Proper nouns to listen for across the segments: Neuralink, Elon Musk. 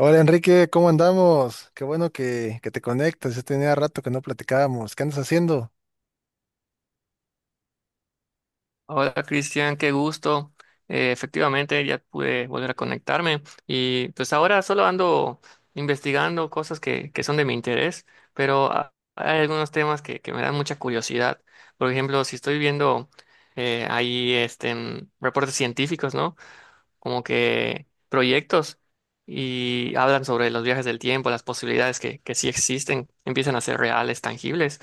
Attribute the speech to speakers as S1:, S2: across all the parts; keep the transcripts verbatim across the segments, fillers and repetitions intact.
S1: Hola Enrique, ¿cómo andamos? Qué bueno que, que te conectas, ya tenía rato que no platicábamos. ¿Qué andas haciendo?
S2: Hola Cristian, qué gusto. Eh, efectivamente ya pude volver a conectarme y pues ahora solo ando investigando cosas que, que son de mi interés, pero ha- hay algunos temas que, que me dan mucha curiosidad. Por ejemplo, si estoy viendo eh, ahí este, mm, reportes científicos, ¿no? Como que proyectos y hablan sobre los viajes del tiempo, las posibilidades que, que sí existen, empiezan a ser reales, tangibles.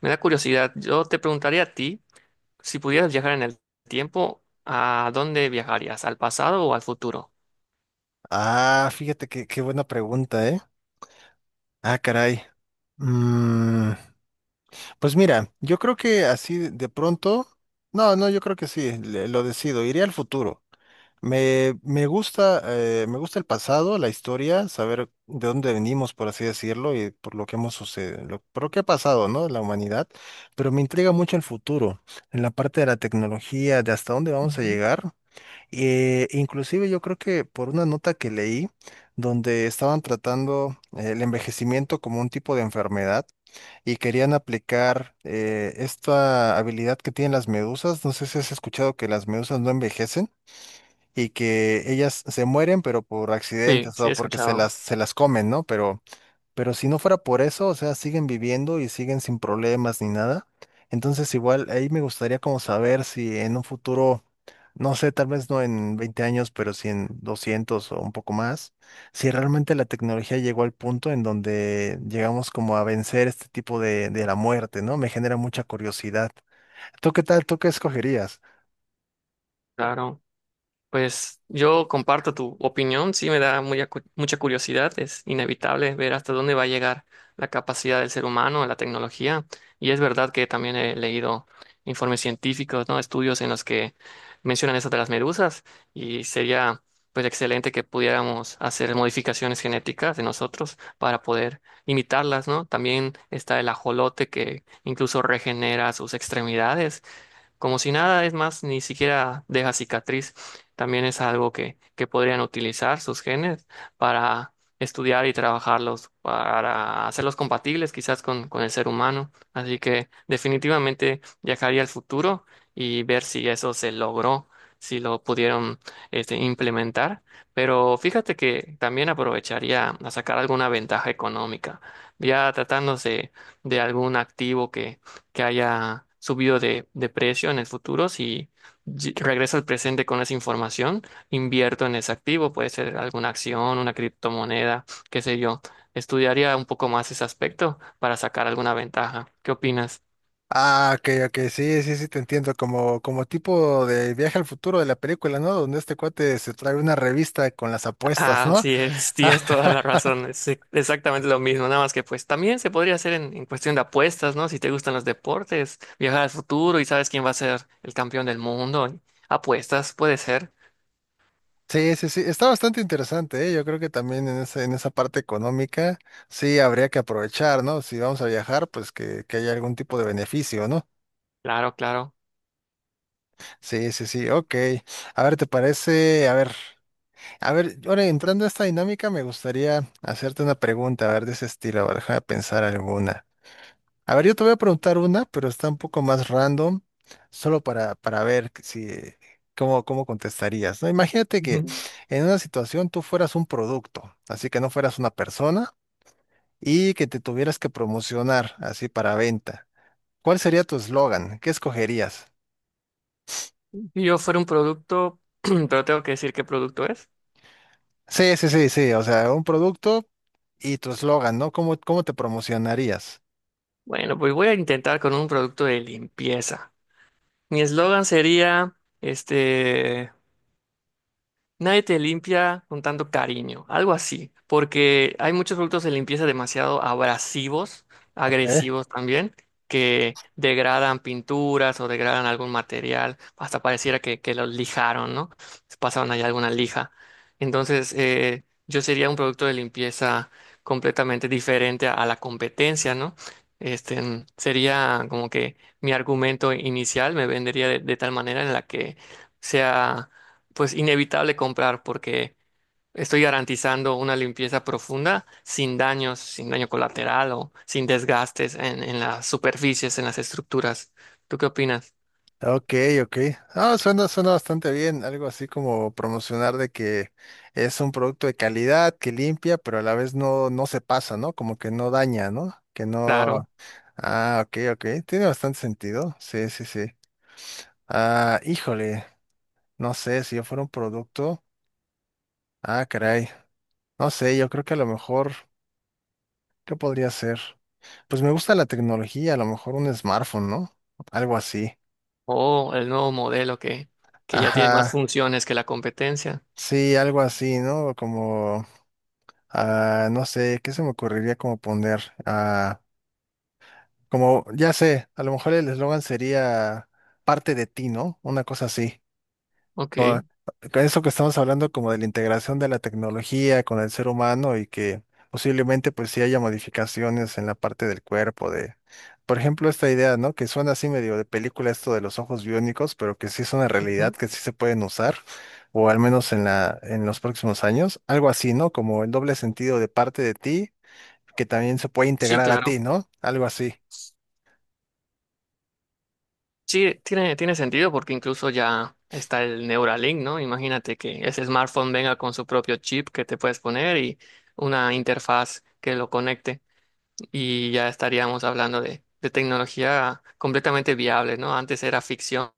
S2: Me da curiosidad. Yo te preguntaría a ti. Si pudieras viajar en el tiempo, ¿a dónde viajarías? ¿Al pasado o al futuro?
S1: Ah, fíjate que, qué buena pregunta, ¿eh? Ah, caray. Mm, pues mira, yo creo que así de de pronto, no, no, yo creo que sí, le- lo decido, iré al futuro. Me, me gusta, eh, me gusta el pasado, la historia, saber de dónde venimos, por así decirlo, y por lo que hemos sucedido, lo, por lo que ha pasado, ¿no? La humanidad, pero me intriga mucho el futuro, en la parte de la tecnología, de hasta dónde vamos a
S2: Ujú.
S1: llegar. Eh, inclusive yo creo que por una nota que leí, donde estaban tratando eh, el envejecimiento como un tipo de enfermedad y querían aplicar eh, esta habilidad que tienen las medusas, no sé si has escuchado que las medusas no envejecen y que ellas se mueren, pero por
S2: Sí,
S1: accidentes
S2: sí, he
S1: o porque se
S2: escuchado.
S1: las, se las comen, ¿no? Pero, pero si no fuera por eso, o sea, siguen viviendo y siguen sin problemas ni nada. Entonces, igual ahí me gustaría como saber si en un futuro, no sé, tal vez no en veinte años, pero si en doscientos o un poco más, si realmente la tecnología llegó al punto en donde llegamos como a vencer este tipo de, de la muerte, ¿no? Me genera mucha curiosidad. ¿Tú qué tal? ¿Tú qué escogerías?
S2: Claro. Pues yo comparto tu opinión, sí me da muy acu- mucha curiosidad, es inevitable ver hasta dónde va a llegar la capacidad del ser humano, la tecnología, y es verdad que también he leído informes científicos, ¿no? Estudios en los que mencionan eso de las medusas y sería pues excelente que pudiéramos hacer modificaciones genéticas de nosotros para poder imitarlas, ¿no? También está el ajolote que incluso regenera sus extremidades como si nada, es más, ni siquiera deja cicatriz. También es algo que, que podrían utilizar sus genes para estudiar y trabajarlos, para hacerlos compatibles quizás con, con el ser humano. Así que definitivamente viajaría al futuro y ver si eso se logró, si lo pudieron este, implementar. Pero fíjate que también aprovecharía a sacar alguna ventaja económica, ya tratándose de algún activo que que haya subido de, de precio en el futuro, si ll- regreso al presente con esa información, invierto en ese activo, puede ser alguna acción, una criptomoneda, qué sé yo. Estudiaría un poco más ese aspecto para sacar alguna ventaja. ¿Qué opinas?
S1: Ah, ok, ok, sí, sí, sí, te entiendo, como, como tipo de viaje al futuro de la película, ¿no? Donde este cuate se trae una revista con las apuestas, ¿no?
S2: Así es, tienes toda la razón. Es e- exactamente lo mismo, nada más que pues también se podría hacer en, en cuestión de apuestas, ¿no? Si te gustan los deportes, viajar al futuro y sabes quién va a ser el campeón del mundo. Apuestas, puede ser.
S1: Sí, sí, sí, está bastante interesante, ¿eh? Yo creo que también en esa, en esa parte económica sí habría que aprovechar, ¿no? Si vamos a viajar, pues que, que haya algún tipo de beneficio, ¿no?
S2: Claro, claro.
S1: Sí, sí, sí, ok. A ver, ¿te parece? A ver, a ver, ahora entrando a esta dinámica, me gustaría hacerte una pregunta, a ver, de ese estilo, a ver, déjame pensar alguna. A ver, yo te voy a preguntar una, pero está un poco más random, solo para, para ver que si, cómo, cómo contestarías, ¿no? Imagínate que en una situación tú fueras un producto, así que no fueras una persona y que te tuvieras que promocionar así para venta. ¿Cuál sería tu eslogan? ¿Qué escogerías?
S2: Si yo fuera un producto, pero tengo que decir qué producto es.
S1: Sí, sí, sí, sí, o sea, un producto y tu eslogan, ¿no? ¿Cómo, cómo te promocionarías?
S2: Bueno, pues voy a intentar con un producto de limpieza. Mi eslogan sería, este, nadie te limpia con tanto cariño, algo así, porque hay muchos productos de limpieza demasiado abrasivos,
S1: Ok.
S2: agresivos también, que degradan pinturas o degradan algún material, hasta pareciera que, que los lijaron, ¿no? Pasaron ahí alguna lija. Entonces, eh, yo sería un producto de limpieza completamente diferente a, a la competencia, ¿no? Este, mm, sería como que mi argumento inicial me vendería de de tal manera en la que sea pues inevitable comprar porque estoy garantizando una limpieza profunda sin daños, sin daño colateral o sin desgastes en, en las superficies, en las estructuras. ¿Tú qué opinas?
S1: Ok, ok. Ah, suena, suena bastante bien. Algo así como promocionar de que es un producto de calidad, que limpia, pero a la vez no, no se pasa, ¿no? Como que no daña, ¿no? Que
S2: Claro.
S1: no. Ah, ok, ok. Tiene bastante sentido. Sí, sí, sí. Ah, híjole. No sé, si yo fuera un producto. Ah, caray. No sé, yo creo que a lo mejor, ¿qué podría ser? Pues me gusta la tecnología, a lo mejor un smartphone, ¿no? Algo así.
S2: O el nuevo modelo que, que ya tiene más
S1: Ajá.
S2: funciones que la competencia.
S1: Sí, algo así, ¿no? Como. Ah, no sé, ¿qué se me ocurriría como poner? Ah, como, ya sé, a lo mejor el eslogan sería parte de ti, ¿no? Una cosa así. Con,
S2: Ok.
S1: con eso que estamos hablando como de la integración de la tecnología con el ser humano y que posiblemente pues sí haya modificaciones en la parte del cuerpo de, por ejemplo, esta idea, ¿no? Que suena así medio de película esto de los ojos biónicos, pero que sí es una realidad,
S2: Ujú.
S1: que sí se pueden usar, o al menos en la, en los próximos años. Algo así, ¿no? Como el doble sentido de parte de ti que también se puede
S2: Sí,
S1: integrar a
S2: claro.
S1: ti, ¿no? Algo así.
S2: Sí, tiene, tiene sentido porque incluso ya está el Neuralink, ¿no? Imagínate que ese smartphone venga con su propio chip que te puedes poner y una interfaz que lo conecte. Y ya estaríamos hablando de, de tecnología completamente viable, ¿no? Antes era ficción,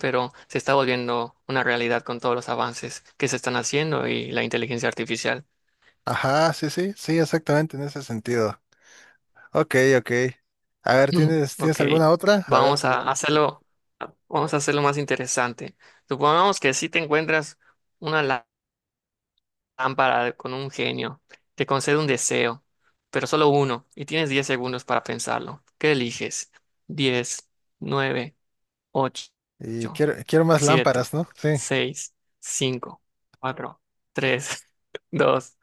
S2: pero se está volviendo una realidad con todos los avances que se están haciendo y la inteligencia artificial.
S1: Ajá, sí, sí, sí, exactamente en ese sentido. Ok, ok. A ver, ¿tienes,
S2: Ok,
S1: tienes alguna otra? A ver,
S2: vamos a hacerlo, vamos a hacerlo más interesante. Supongamos que si te encuentras una lá- lámpara de- con un genio, te concede un deseo, pero solo uno, y tienes diez segundos para pensarlo. ¿Qué eliges? Diez, nueve. Ocho,
S1: y quiero, quiero más
S2: siete,
S1: lámparas, ¿no? Sí.
S2: seis, cinco, cuatro, tres, dos,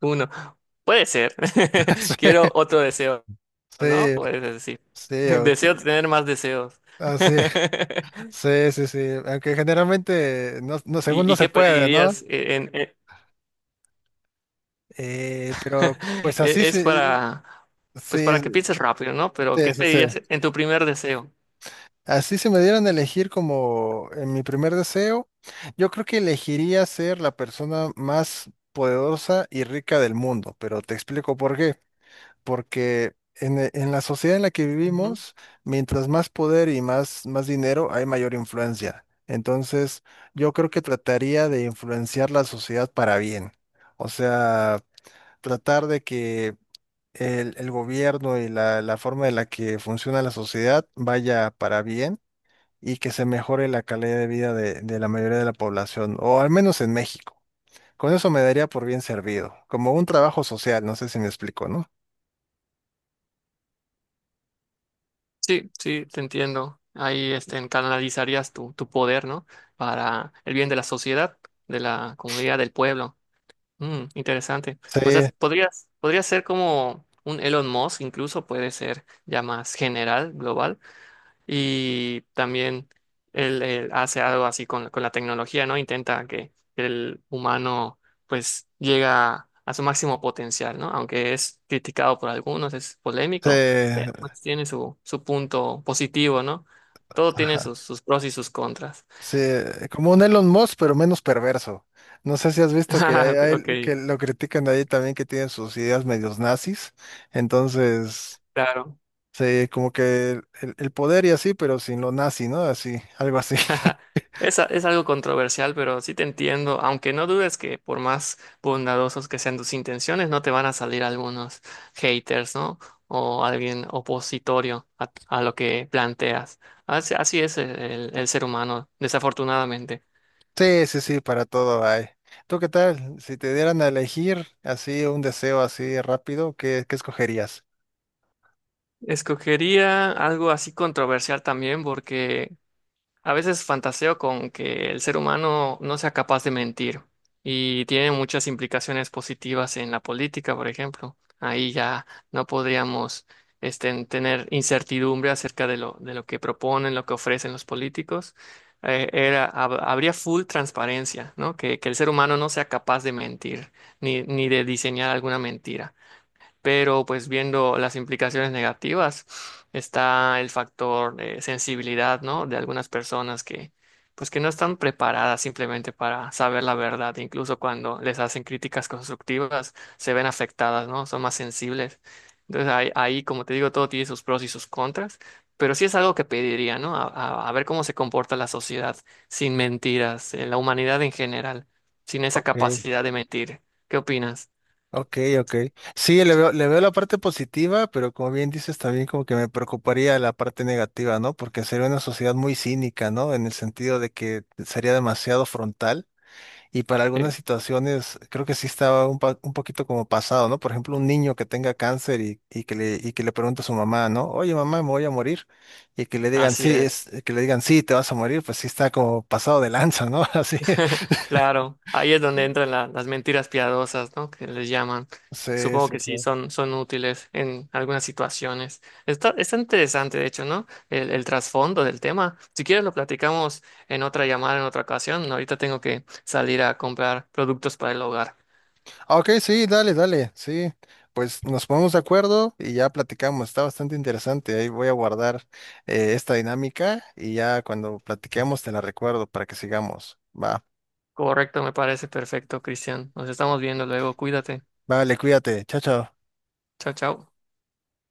S2: uno. Puede ser. Quiero otro deseo, ¿no?
S1: Sí,
S2: Puedes decir.
S1: sí, sí,
S2: Deseo
S1: o-
S2: tener más deseos.
S1: ah, sí, sí, sí, sí. Aunque generalmente, no, no, según
S2: ¿Y,
S1: no
S2: y
S1: se
S2: qué
S1: puede, ¿no?
S2: pedirías en, en-
S1: Eh, pero pues
S2: e-
S1: así sí,
S2: es para, pues para que
S1: sí,
S2: pienses rápido, ¿no?
S1: sí,
S2: Pero ¿qué
S1: sí, sí.
S2: pedirías
S1: sí.
S2: en tu primer deseo?
S1: Así si me dieran a elegir como en mi primer deseo, yo creo que elegiría ser la persona más poderosa y rica del mundo, pero te explico por qué. Porque en, e- en la sociedad en la que
S2: Ujú.
S1: vivimos, mientras más poder y más, más dinero, hay mayor influencia. Entonces, yo creo que trataría de influenciar la sociedad para bien. O sea, tratar de que el, el gobierno y la, la forma en la que funciona la sociedad vaya para bien y que se mejore la calidad de vida de, de la mayoría de la población, o al menos en México. Con eso me daría por bien servido, como un trabajo social, no sé si me explico, ¿no?
S2: Sí, sí, te entiendo. Ahí este, en- canalizarías tu, tu poder, ¿no? Para el bien de la sociedad, de la comunidad, del pueblo. Mm, interesante.
S1: Sí,
S2: O sea, podrías, podría ser como un Elon Musk, incluso puede ser ya más general, global y también él, él hace algo así con, con la tecnología, ¿no? Intenta que el humano pues llega a su máximo potencial, ¿no? Aunque es criticado por algunos, es
S1: sí,
S2: polémico, pero pues tiene su, su punto positivo, ¿no? Todo tiene
S1: ajá,
S2: sus, sus pros y sus contras.
S1: sí, como un Elon Musk, pero menos perverso. No sé si has visto que hay,
S2: Ok,
S1: hay- que lo critican ahí también que tienen sus ideas medios nazis. Entonces,
S2: claro.
S1: sí, como que el, el poder y así, pero sin lo nazi, ¿no? Así, algo así.
S2: Es, a- es algo controversial, pero sí te entiendo, aunque no dudes que por más bondadosos que sean tus intenciones, no te van a salir algunos haters, ¿no? O alguien opositorio a, a lo que planteas. Así, así es el, el- el ser humano, desafortunadamente.
S1: Sí, sí, sí, para todo hay. ¿Tú qué tal? Si te dieran a elegir así un deseo así rápido, ¿qué, qué escogerías?
S2: Escogería algo así controversial también porque a veces fantaseo con que el ser humano no sea capaz de mentir y tiene muchas implicaciones positivas en la política, por ejemplo. Ahí ya no podríamos este, tener incertidumbre acerca de lo, de lo que proponen, lo que ofrecen los políticos. Eh, era, hab- habría full transparencia, ¿no? Que, que el ser humano no sea capaz de mentir ni, ni de diseñar alguna mentira pero pues viendo las implicaciones negativas está el factor de sensibilidad, ¿no? De algunas personas que pues que no están preparadas simplemente para saber la verdad, incluso cuando les hacen críticas constructivas se ven afectadas, ¿no? Son más sensibles. Entonces ahí, ahí, como te digo, todo tiene sus pros y sus contras, pero sí es algo que pediría, ¿no? A, a- a ver cómo se comporta la sociedad sin mentiras, eh, la humanidad en general, sin esa
S1: Ok,
S2: capacidad de mentir. ¿Qué opinas?
S1: ok, ok. Sí, le veo, le veo la parte positiva, pero como bien dices, también como que me preocuparía la parte negativa, ¿no? Porque sería una sociedad muy cínica, ¿no? En el sentido de que sería demasiado frontal. Y para algunas
S2: Sí.
S1: situaciones creo que sí estaba un, pa- un poquito como pasado, ¿no? Por ejemplo, un niño que tenga cáncer y, y que le, y que le pregunte a su mamá, ¿no? Oye, mamá, me voy a morir. Y que le digan,
S2: Así
S1: sí,
S2: es.
S1: es, que le digan, sí, te vas a morir, pues sí está como pasado de lanza, ¿no? Así.
S2: Claro, ahí es donde entran la- las mentiras piadosas, ¿no? Que les llaman.
S1: Sí,
S2: Supongo
S1: sí,
S2: que
S1: sí.
S2: sí, son, son útiles en algunas situaciones. Está, está interesante, de hecho, ¿no? El, el trasfondo del tema. Si quieres, lo platicamos en otra llamada, en otra ocasión. Ahorita tengo que salir a comprar productos para el hogar.
S1: Ah, ok, sí, dale, dale, sí. Pues nos ponemos de acuerdo y ya platicamos. Está bastante interesante. Ahí voy a guardar eh, esta dinámica y ya cuando platiquemos te la recuerdo para que sigamos. Va,
S2: Correcto, me parece perfecto, Cristian. Nos estamos viendo luego. Cuídate.
S1: vale, cuídate. Chao, chao.
S2: Chao, chao.